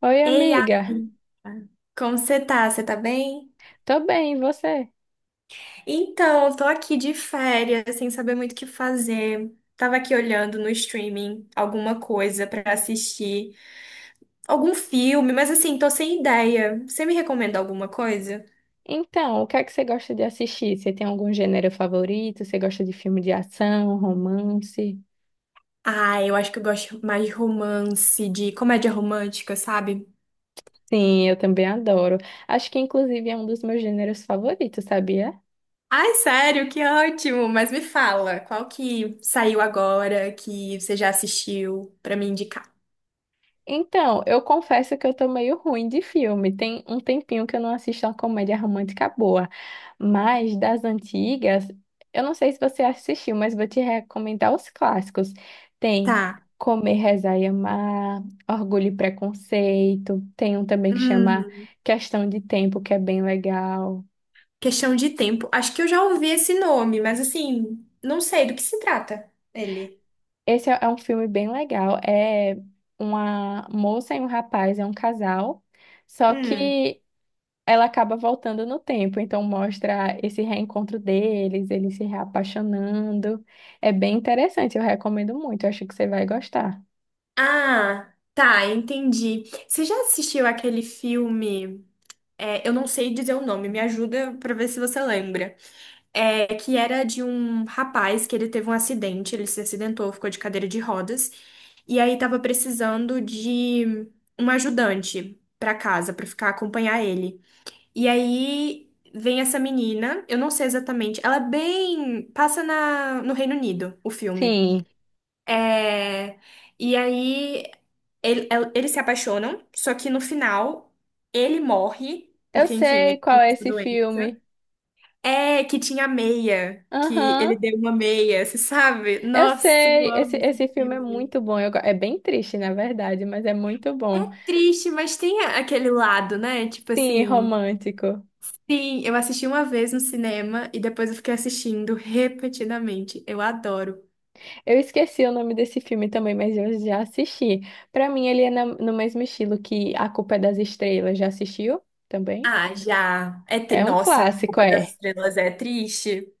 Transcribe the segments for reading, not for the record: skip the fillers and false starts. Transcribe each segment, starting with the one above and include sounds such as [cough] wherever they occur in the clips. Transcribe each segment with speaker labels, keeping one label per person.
Speaker 1: Oi,
Speaker 2: Ei,
Speaker 1: amiga.
Speaker 2: Aline, como você tá? Você tá bem?
Speaker 1: Tô bem, e você?
Speaker 2: Então, eu tô aqui de férias, sem saber muito o que fazer. Tava aqui olhando no streaming alguma coisa pra assistir, algum filme, mas assim, tô sem ideia. Você me recomenda alguma coisa?
Speaker 1: Então, o que é que você gosta de assistir? Você tem algum gênero favorito? Você gosta de filme de ação, romance?
Speaker 2: Ah, eu acho que eu gosto mais de romance, de comédia romântica, sabe?
Speaker 1: Sim, eu também adoro. Acho que inclusive é um dos meus gêneros favoritos, sabia?
Speaker 2: Ai, sério, que ótimo! Mas me fala, qual que saiu agora que você já assistiu pra me indicar?
Speaker 1: Então, eu confesso que eu tô meio ruim de filme. Tem um tempinho que eu não assisto uma comédia romântica boa. Mas das antigas, eu não sei se você assistiu, mas vou te recomendar os clássicos. Tem
Speaker 2: Tá.
Speaker 1: Comer, Rezar e Amar, Orgulho e Preconceito. Tem um também que chama Questão de Tempo, que é bem legal.
Speaker 2: Questão de tempo. Acho que eu já ouvi esse nome, mas assim, não sei do que se trata ele.
Speaker 1: Esse é um filme bem legal. É uma moça e um rapaz, é um casal. Só
Speaker 2: Hum.
Speaker 1: que ela acaba voltando no tempo, então mostra esse reencontro deles, eles se reapaixonando. É bem interessante, eu recomendo muito, eu acho que você vai gostar.
Speaker 2: Ah, tá, entendi. Você já assistiu aquele filme? É, eu não sei dizer o nome, me ajuda pra ver se você lembra. É, que era de um rapaz que ele teve um acidente, ele se acidentou, ficou de cadeira de rodas, e aí tava precisando de um ajudante pra casa, pra ficar acompanhar ele. E aí vem essa menina, eu não sei exatamente, ela é bem. Passa no Reino Unido, o filme.
Speaker 1: Sim,
Speaker 2: É, e aí eles se apaixonam, só que no final ele morre,
Speaker 1: eu
Speaker 2: porque enfim, ele
Speaker 1: sei qual
Speaker 2: tem
Speaker 1: é
Speaker 2: essa
Speaker 1: esse
Speaker 2: doença.
Speaker 1: filme.
Speaker 2: É que tinha meia, que
Speaker 1: Aham,
Speaker 2: ele deu uma meia, você sabe?
Speaker 1: eu
Speaker 2: Nossa, eu
Speaker 1: sei, esse,
Speaker 2: amo esse
Speaker 1: esse filme é
Speaker 2: filme.
Speaker 1: muito bom, é bem triste, na verdade, mas é muito
Speaker 2: É
Speaker 1: bom.
Speaker 2: triste, mas tem aquele lado, né? Tipo
Speaker 1: Sim,
Speaker 2: assim.
Speaker 1: romântico.
Speaker 2: Sim, eu assisti uma vez no cinema e depois eu fiquei assistindo repetidamente. Eu adoro.
Speaker 1: Eu esqueci o nome desse filme também, mas eu já assisti. Pra mim, ele é no mesmo estilo que A Culpa é das Estrelas. Já assistiu também?
Speaker 2: Ah, já.
Speaker 1: É um
Speaker 2: Nossa, A
Speaker 1: clássico,
Speaker 2: Culpa das
Speaker 1: é.
Speaker 2: Estrelas é triste.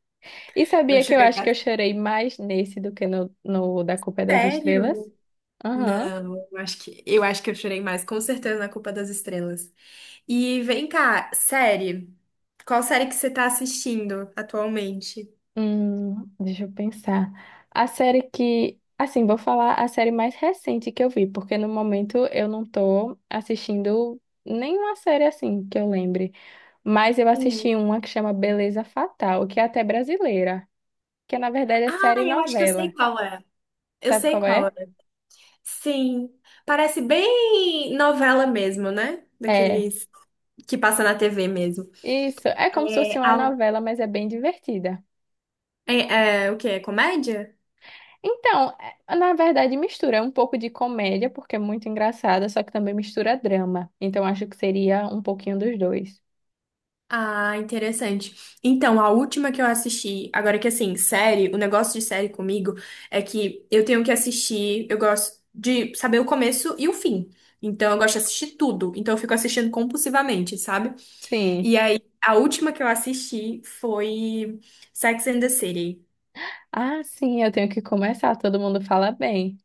Speaker 1: E
Speaker 2: Eu
Speaker 1: sabia que eu
Speaker 2: chorei
Speaker 1: acho que eu
Speaker 2: bastante.
Speaker 1: chorei mais nesse do que no Da Culpa é das Estrelas?
Speaker 2: Sério?
Speaker 1: Aham.
Speaker 2: Não, eu acho que eu chorei mais, com certeza, na Culpa das Estrelas. E vem cá, série. Qual série que você tá assistindo atualmente?
Speaker 1: Deixa eu pensar. A série que. Assim, vou falar a série mais recente que eu vi, porque no momento eu não tô assistindo nenhuma série assim que eu lembre. Mas eu
Speaker 2: Hum.
Speaker 1: assisti uma que chama Beleza Fatal, que é até brasileira, que na verdade é
Speaker 2: Ah,
Speaker 1: série
Speaker 2: eu acho que eu
Speaker 1: novela.
Speaker 2: sei qual é. Eu
Speaker 1: Sabe
Speaker 2: sei
Speaker 1: qual
Speaker 2: qual é.
Speaker 1: é?
Speaker 2: Sim, parece bem novela mesmo, né?
Speaker 1: É.
Speaker 2: Daqueles que passa na TV mesmo.
Speaker 1: Isso. É como se
Speaker 2: É,
Speaker 1: fosse uma
Speaker 2: a-
Speaker 1: novela, mas é bem divertida.
Speaker 2: é, o quê? É comédia?
Speaker 1: Então, na verdade, mistura é um pouco de comédia, porque é muito engraçada, só que também mistura drama. Então, acho que seria um pouquinho dos dois.
Speaker 2: Ah, interessante. Então, a última que eu assisti, agora que assim, série, o negócio de série comigo é que eu tenho que assistir, eu gosto de saber o começo e o fim. Então, eu gosto de assistir tudo. Então, eu fico assistindo compulsivamente, sabe?
Speaker 1: Sim.
Speaker 2: E aí, a última que eu assisti foi Sex and the City.
Speaker 1: Ah, sim, eu tenho que começar. Todo mundo fala bem.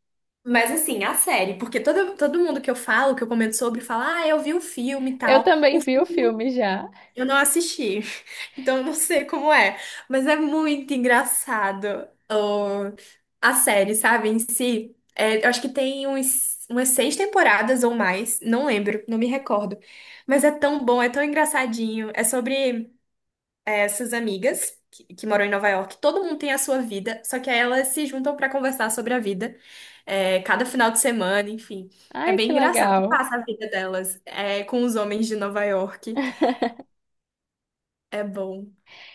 Speaker 2: Mas assim, a série, porque todo mundo que eu falo, que eu comento sobre, fala, ah, eu vi o filme e
Speaker 1: Eu
Speaker 2: tal.
Speaker 1: também vi o filme já.
Speaker 2: Eu não assisti, [laughs] então eu não sei como é, mas é muito engraçado o- a série, sabe, em si. É, eu acho que tem umas seis temporadas ou mais, não lembro, não me recordo. Mas é tão bom, é tão engraçadinho. É sobre essas amigas que moram em Nova York. Todo mundo tem a sua vida, só que aí elas se juntam pra conversar sobre a vida, cada final de semana, enfim. É
Speaker 1: Ai,
Speaker 2: bem
Speaker 1: que
Speaker 2: engraçado.
Speaker 1: legal.
Speaker 2: Passa a vida delas, com os homens de Nova York. É bom.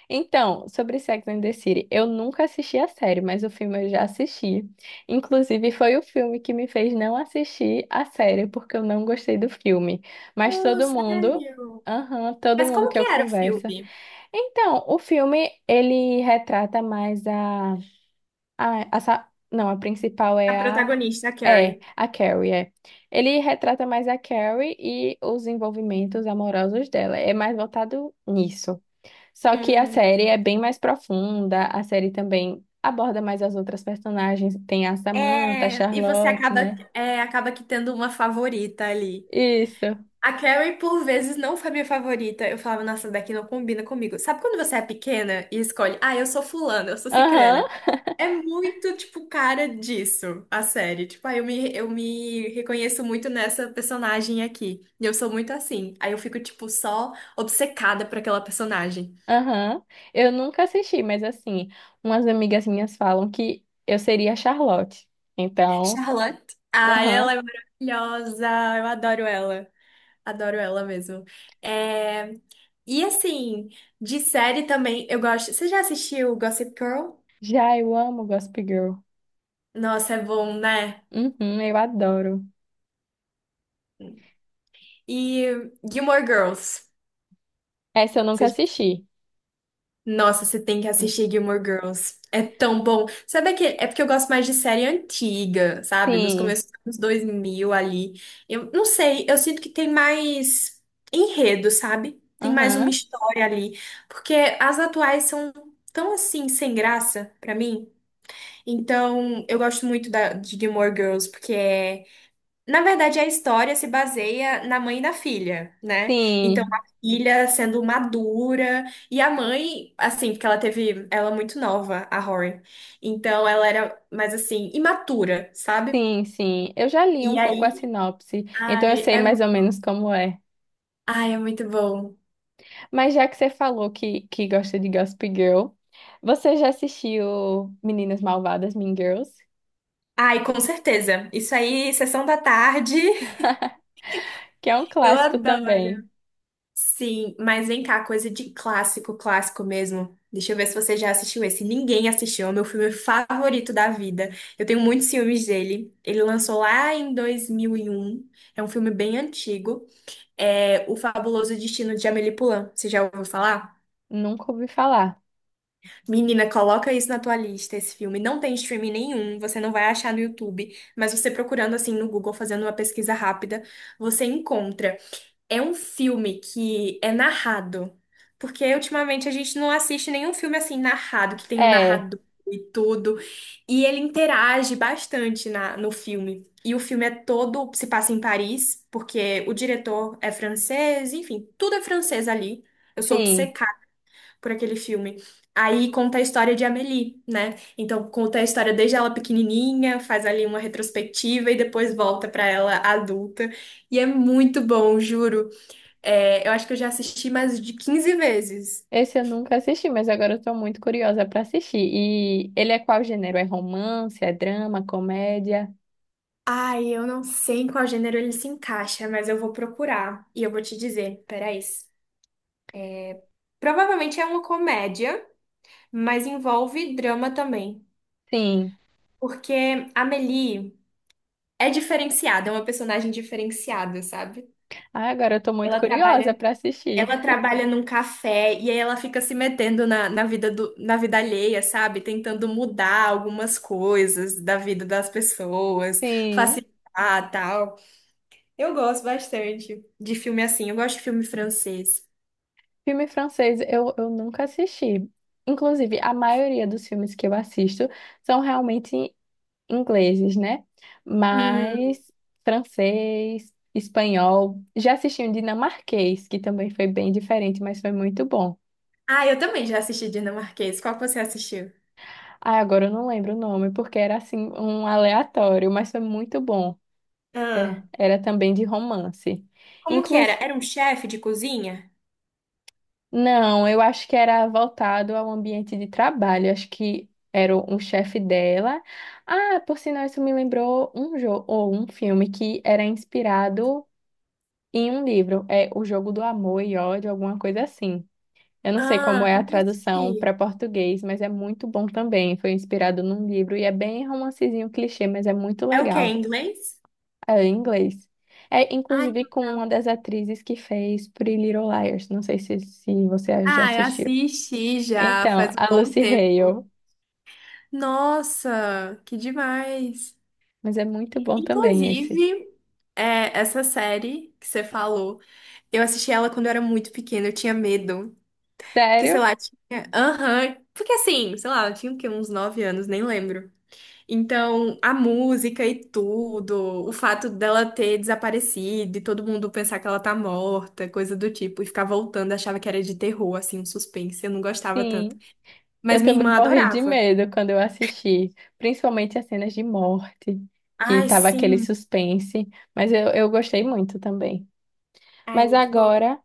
Speaker 1: Então, sobre Sex and the City, eu nunca assisti a série, mas o filme eu já assisti. Inclusive, foi o filme que me fez não assistir a série, porque eu não gostei do filme. Mas
Speaker 2: Oh,
Speaker 1: todo mundo,
Speaker 2: sério?
Speaker 1: aham, todo
Speaker 2: Mas
Speaker 1: mundo
Speaker 2: como
Speaker 1: que
Speaker 2: que
Speaker 1: eu
Speaker 2: era o
Speaker 1: converso.
Speaker 2: filme?
Speaker 1: Então, o filme, ele retrata mais não, a principal
Speaker 2: A
Speaker 1: é a
Speaker 2: protagonista, a
Speaker 1: é,
Speaker 2: Carrie.
Speaker 1: a Carrie, é. Ele retrata mais a Carrie e os envolvimentos amorosos dela. É mais voltado nisso. Só que a
Speaker 2: Hum,
Speaker 1: série é bem mais profunda, a série também aborda mais as outras personagens, tem a Samantha, a
Speaker 2: e você
Speaker 1: Charlotte,
Speaker 2: acaba,
Speaker 1: né?
Speaker 2: acaba que tendo uma favorita ali.
Speaker 1: Isso.
Speaker 2: A Carrie, por vezes, não foi minha favorita. Eu falava, nossa, daqui não combina comigo. Sabe quando você é pequena e escolhe, ah, eu sou fulana, eu sou
Speaker 1: Aham.
Speaker 2: cicrana? É muito, tipo, cara disso, a série. Tipo, ah, eu me reconheço muito nessa personagem aqui. E eu sou muito assim. Aí eu fico, tipo, só obcecada por aquela personagem.
Speaker 1: Aham. Eu nunca assisti, mas assim, umas amigas minhas falam que eu seria a Charlotte. Então,
Speaker 2: Charlotte. Ah, ela
Speaker 1: aham.
Speaker 2: é maravilhosa. Eu adoro ela. Adoro ela mesmo. É. E assim, de série também, eu gosto. Você já assistiu Gossip Girl?
Speaker 1: Já eu amo Gossip Girl.
Speaker 2: Nossa, é bom, né?
Speaker 1: Uhum, eu adoro.
Speaker 2: E Gilmore Girls.
Speaker 1: Essa eu nunca
Speaker 2: Você
Speaker 1: assisti.
Speaker 2: Nossa, você tem que assistir Gilmore Girls. É tão bom. Sabe aquele. É porque eu gosto mais de série antiga, sabe? Nos
Speaker 1: Sim.
Speaker 2: começos dos anos 2000 ali. Eu não sei, eu sinto que tem mais enredo, sabe? Tem mais uma
Speaker 1: Aham.
Speaker 2: história ali. Porque as atuais são tão assim, sem graça pra mim. Então, eu gosto muito de Gilmore Girls, porque é na verdade, a história se baseia na mãe e na filha, né? Então, a
Speaker 1: Sim.
Speaker 2: filha sendo madura e a mãe, assim, porque ela teve, ela é muito nova, a Rory. Então, ela era mais assim, imatura, sabe?
Speaker 1: Sim, sim. Eu já li
Speaker 2: E
Speaker 1: um pouco a
Speaker 2: aí,
Speaker 1: sinopse, então eu
Speaker 2: ai,
Speaker 1: sei mais ou menos como é.
Speaker 2: ai, é muito bom.
Speaker 1: Mas já que você falou que gosta de Gossip Girl, você já assistiu Meninas Malvadas, Mean Girls?
Speaker 2: Ai, com certeza. Isso aí, sessão da tarde. [laughs]
Speaker 1: Que é um
Speaker 2: Eu
Speaker 1: clássico também.
Speaker 2: adoro. Sim, mas vem cá, coisa de clássico, clássico mesmo. Deixa eu ver se você já assistiu esse. Ninguém assistiu, é o meu filme favorito da vida. Eu tenho muitos filmes dele. Ele lançou lá em 2001. É um filme bem antigo. É O Fabuloso Destino de Amélie Poulain. Você já ouviu falar?
Speaker 1: Nunca ouvi falar.
Speaker 2: Menina, coloca isso na tua lista, esse filme. Não tem streaming nenhum, você não vai achar no YouTube, mas você procurando assim no Google, fazendo uma pesquisa rápida, você encontra. É um filme que é narrado. Porque ultimamente a gente não assiste nenhum filme assim narrado, que tem um
Speaker 1: É,
Speaker 2: narrador e tudo. E ele interage bastante no filme. E o filme é todo, se passa em Paris, porque o diretor é francês, enfim, tudo é francês ali. Eu sou
Speaker 1: sim.
Speaker 2: obcecada por aquele filme. Aí conta a história de Amélie, né? Então conta a história desde ela pequenininha, faz ali uma retrospectiva e depois volta pra ela adulta. E é muito bom, juro. É, eu acho que eu já assisti mais de 15 vezes.
Speaker 1: Esse eu nunca assisti, mas agora eu tô muito curiosa pra assistir. E ele é qual gênero? É romance, é drama, comédia?
Speaker 2: Ai, eu não sei em qual gênero ele se encaixa, mas eu vou procurar e eu vou te dizer. Peraí. Provavelmente é uma comédia, mas envolve drama também.
Speaker 1: Sim.
Speaker 2: Porque a Amélie é diferenciada, é uma personagem diferenciada, sabe?
Speaker 1: Ah, agora eu tô muito
Speaker 2: Ela
Speaker 1: curiosa
Speaker 2: trabalha,
Speaker 1: pra assistir.
Speaker 2: ela trabalha num café e aí ela fica se metendo na vida alheia, sabe? Tentando mudar algumas coisas da vida das pessoas,
Speaker 1: Sim.
Speaker 2: facilitar, tal. Eu gosto bastante de filme assim. Eu gosto de filme francês.
Speaker 1: Filme francês eu nunca assisti. Inclusive, a maioria dos filmes que eu assisto são realmente ingleses, né?
Speaker 2: Hum.
Speaker 1: Mas francês, espanhol. Já assisti um dinamarquês, que também foi bem diferente, mas foi muito bom.
Speaker 2: Ah, eu também já assisti dinamarquês. Qual que você assistiu?
Speaker 1: Ah, agora eu não lembro o nome, porque era assim um aleatório, mas foi muito bom. Era,
Speaker 2: Ah,
Speaker 1: era também de romance.
Speaker 2: como que era?
Speaker 1: Inclusive,
Speaker 2: Era um chefe de cozinha?
Speaker 1: não, eu acho que era voltado ao ambiente de trabalho. Eu acho que era um chefe dela. Ah, por sinal, isso me lembrou um jogo ou um filme que era inspirado em um livro. É O Jogo do Amor e Ódio, alguma coisa assim. Eu não sei como
Speaker 2: Ah,
Speaker 1: é a
Speaker 2: não
Speaker 1: tradução
Speaker 2: assisti.
Speaker 1: para português, mas é muito bom também. Foi inspirado num livro e é bem romancezinho clichê, mas é muito
Speaker 2: É o quê?
Speaker 1: legal.
Speaker 2: Em inglês?
Speaker 1: É, em inglês. É,
Speaker 2: Ai,
Speaker 1: inclusive,
Speaker 2: que
Speaker 1: com
Speaker 2: legal.
Speaker 1: uma das atrizes que fez Pretty Little Liars. Não sei se você já
Speaker 2: Ah, eu
Speaker 1: assistiu.
Speaker 2: assisti já
Speaker 1: Então,
Speaker 2: faz um
Speaker 1: a
Speaker 2: bom
Speaker 1: Lucy
Speaker 2: tempo.
Speaker 1: Hale.
Speaker 2: Nossa, que demais!
Speaker 1: Mas é muito bom também esse.
Speaker 2: Inclusive, essa série que você falou, eu assisti ela quando eu era muito pequena, eu tinha medo. Porque, sei
Speaker 1: Sério?
Speaker 2: lá, tinha. Aham. Porque assim, sei lá, eu tinha o quê? Uns 9 anos, nem lembro. Então, a música e tudo, o fato dela ter desaparecido e todo mundo pensar que ela tá morta, coisa do tipo, e ficar voltando, achava que era de terror, assim, um suspense. Eu não gostava tanto.
Speaker 1: Sim. Eu
Speaker 2: Mas minha
Speaker 1: também
Speaker 2: irmã
Speaker 1: morri de
Speaker 2: adorava.
Speaker 1: medo quando eu assisti. Principalmente as cenas de morte, que
Speaker 2: Ai,
Speaker 1: tava aquele
Speaker 2: sim.
Speaker 1: suspense. Mas eu gostei muito também.
Speaker 2: Ai,
Speaker 1: Mas
Speaker 2: muito bom.
Speaker 1: agora,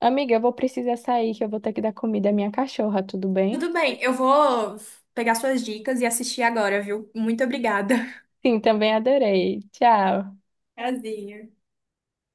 Speaker 1: amiga, eu vou precisar sair, que eu vou ter que dar comida à minha cachorra, tudo bem?
Speaker 2: Tudo bem, eu vou pegar suas dicas e assistir agora, viu? Muito obrigada.
Speaker 1: Sim, também adorei. Tchau.
Speaker 2: Prazer.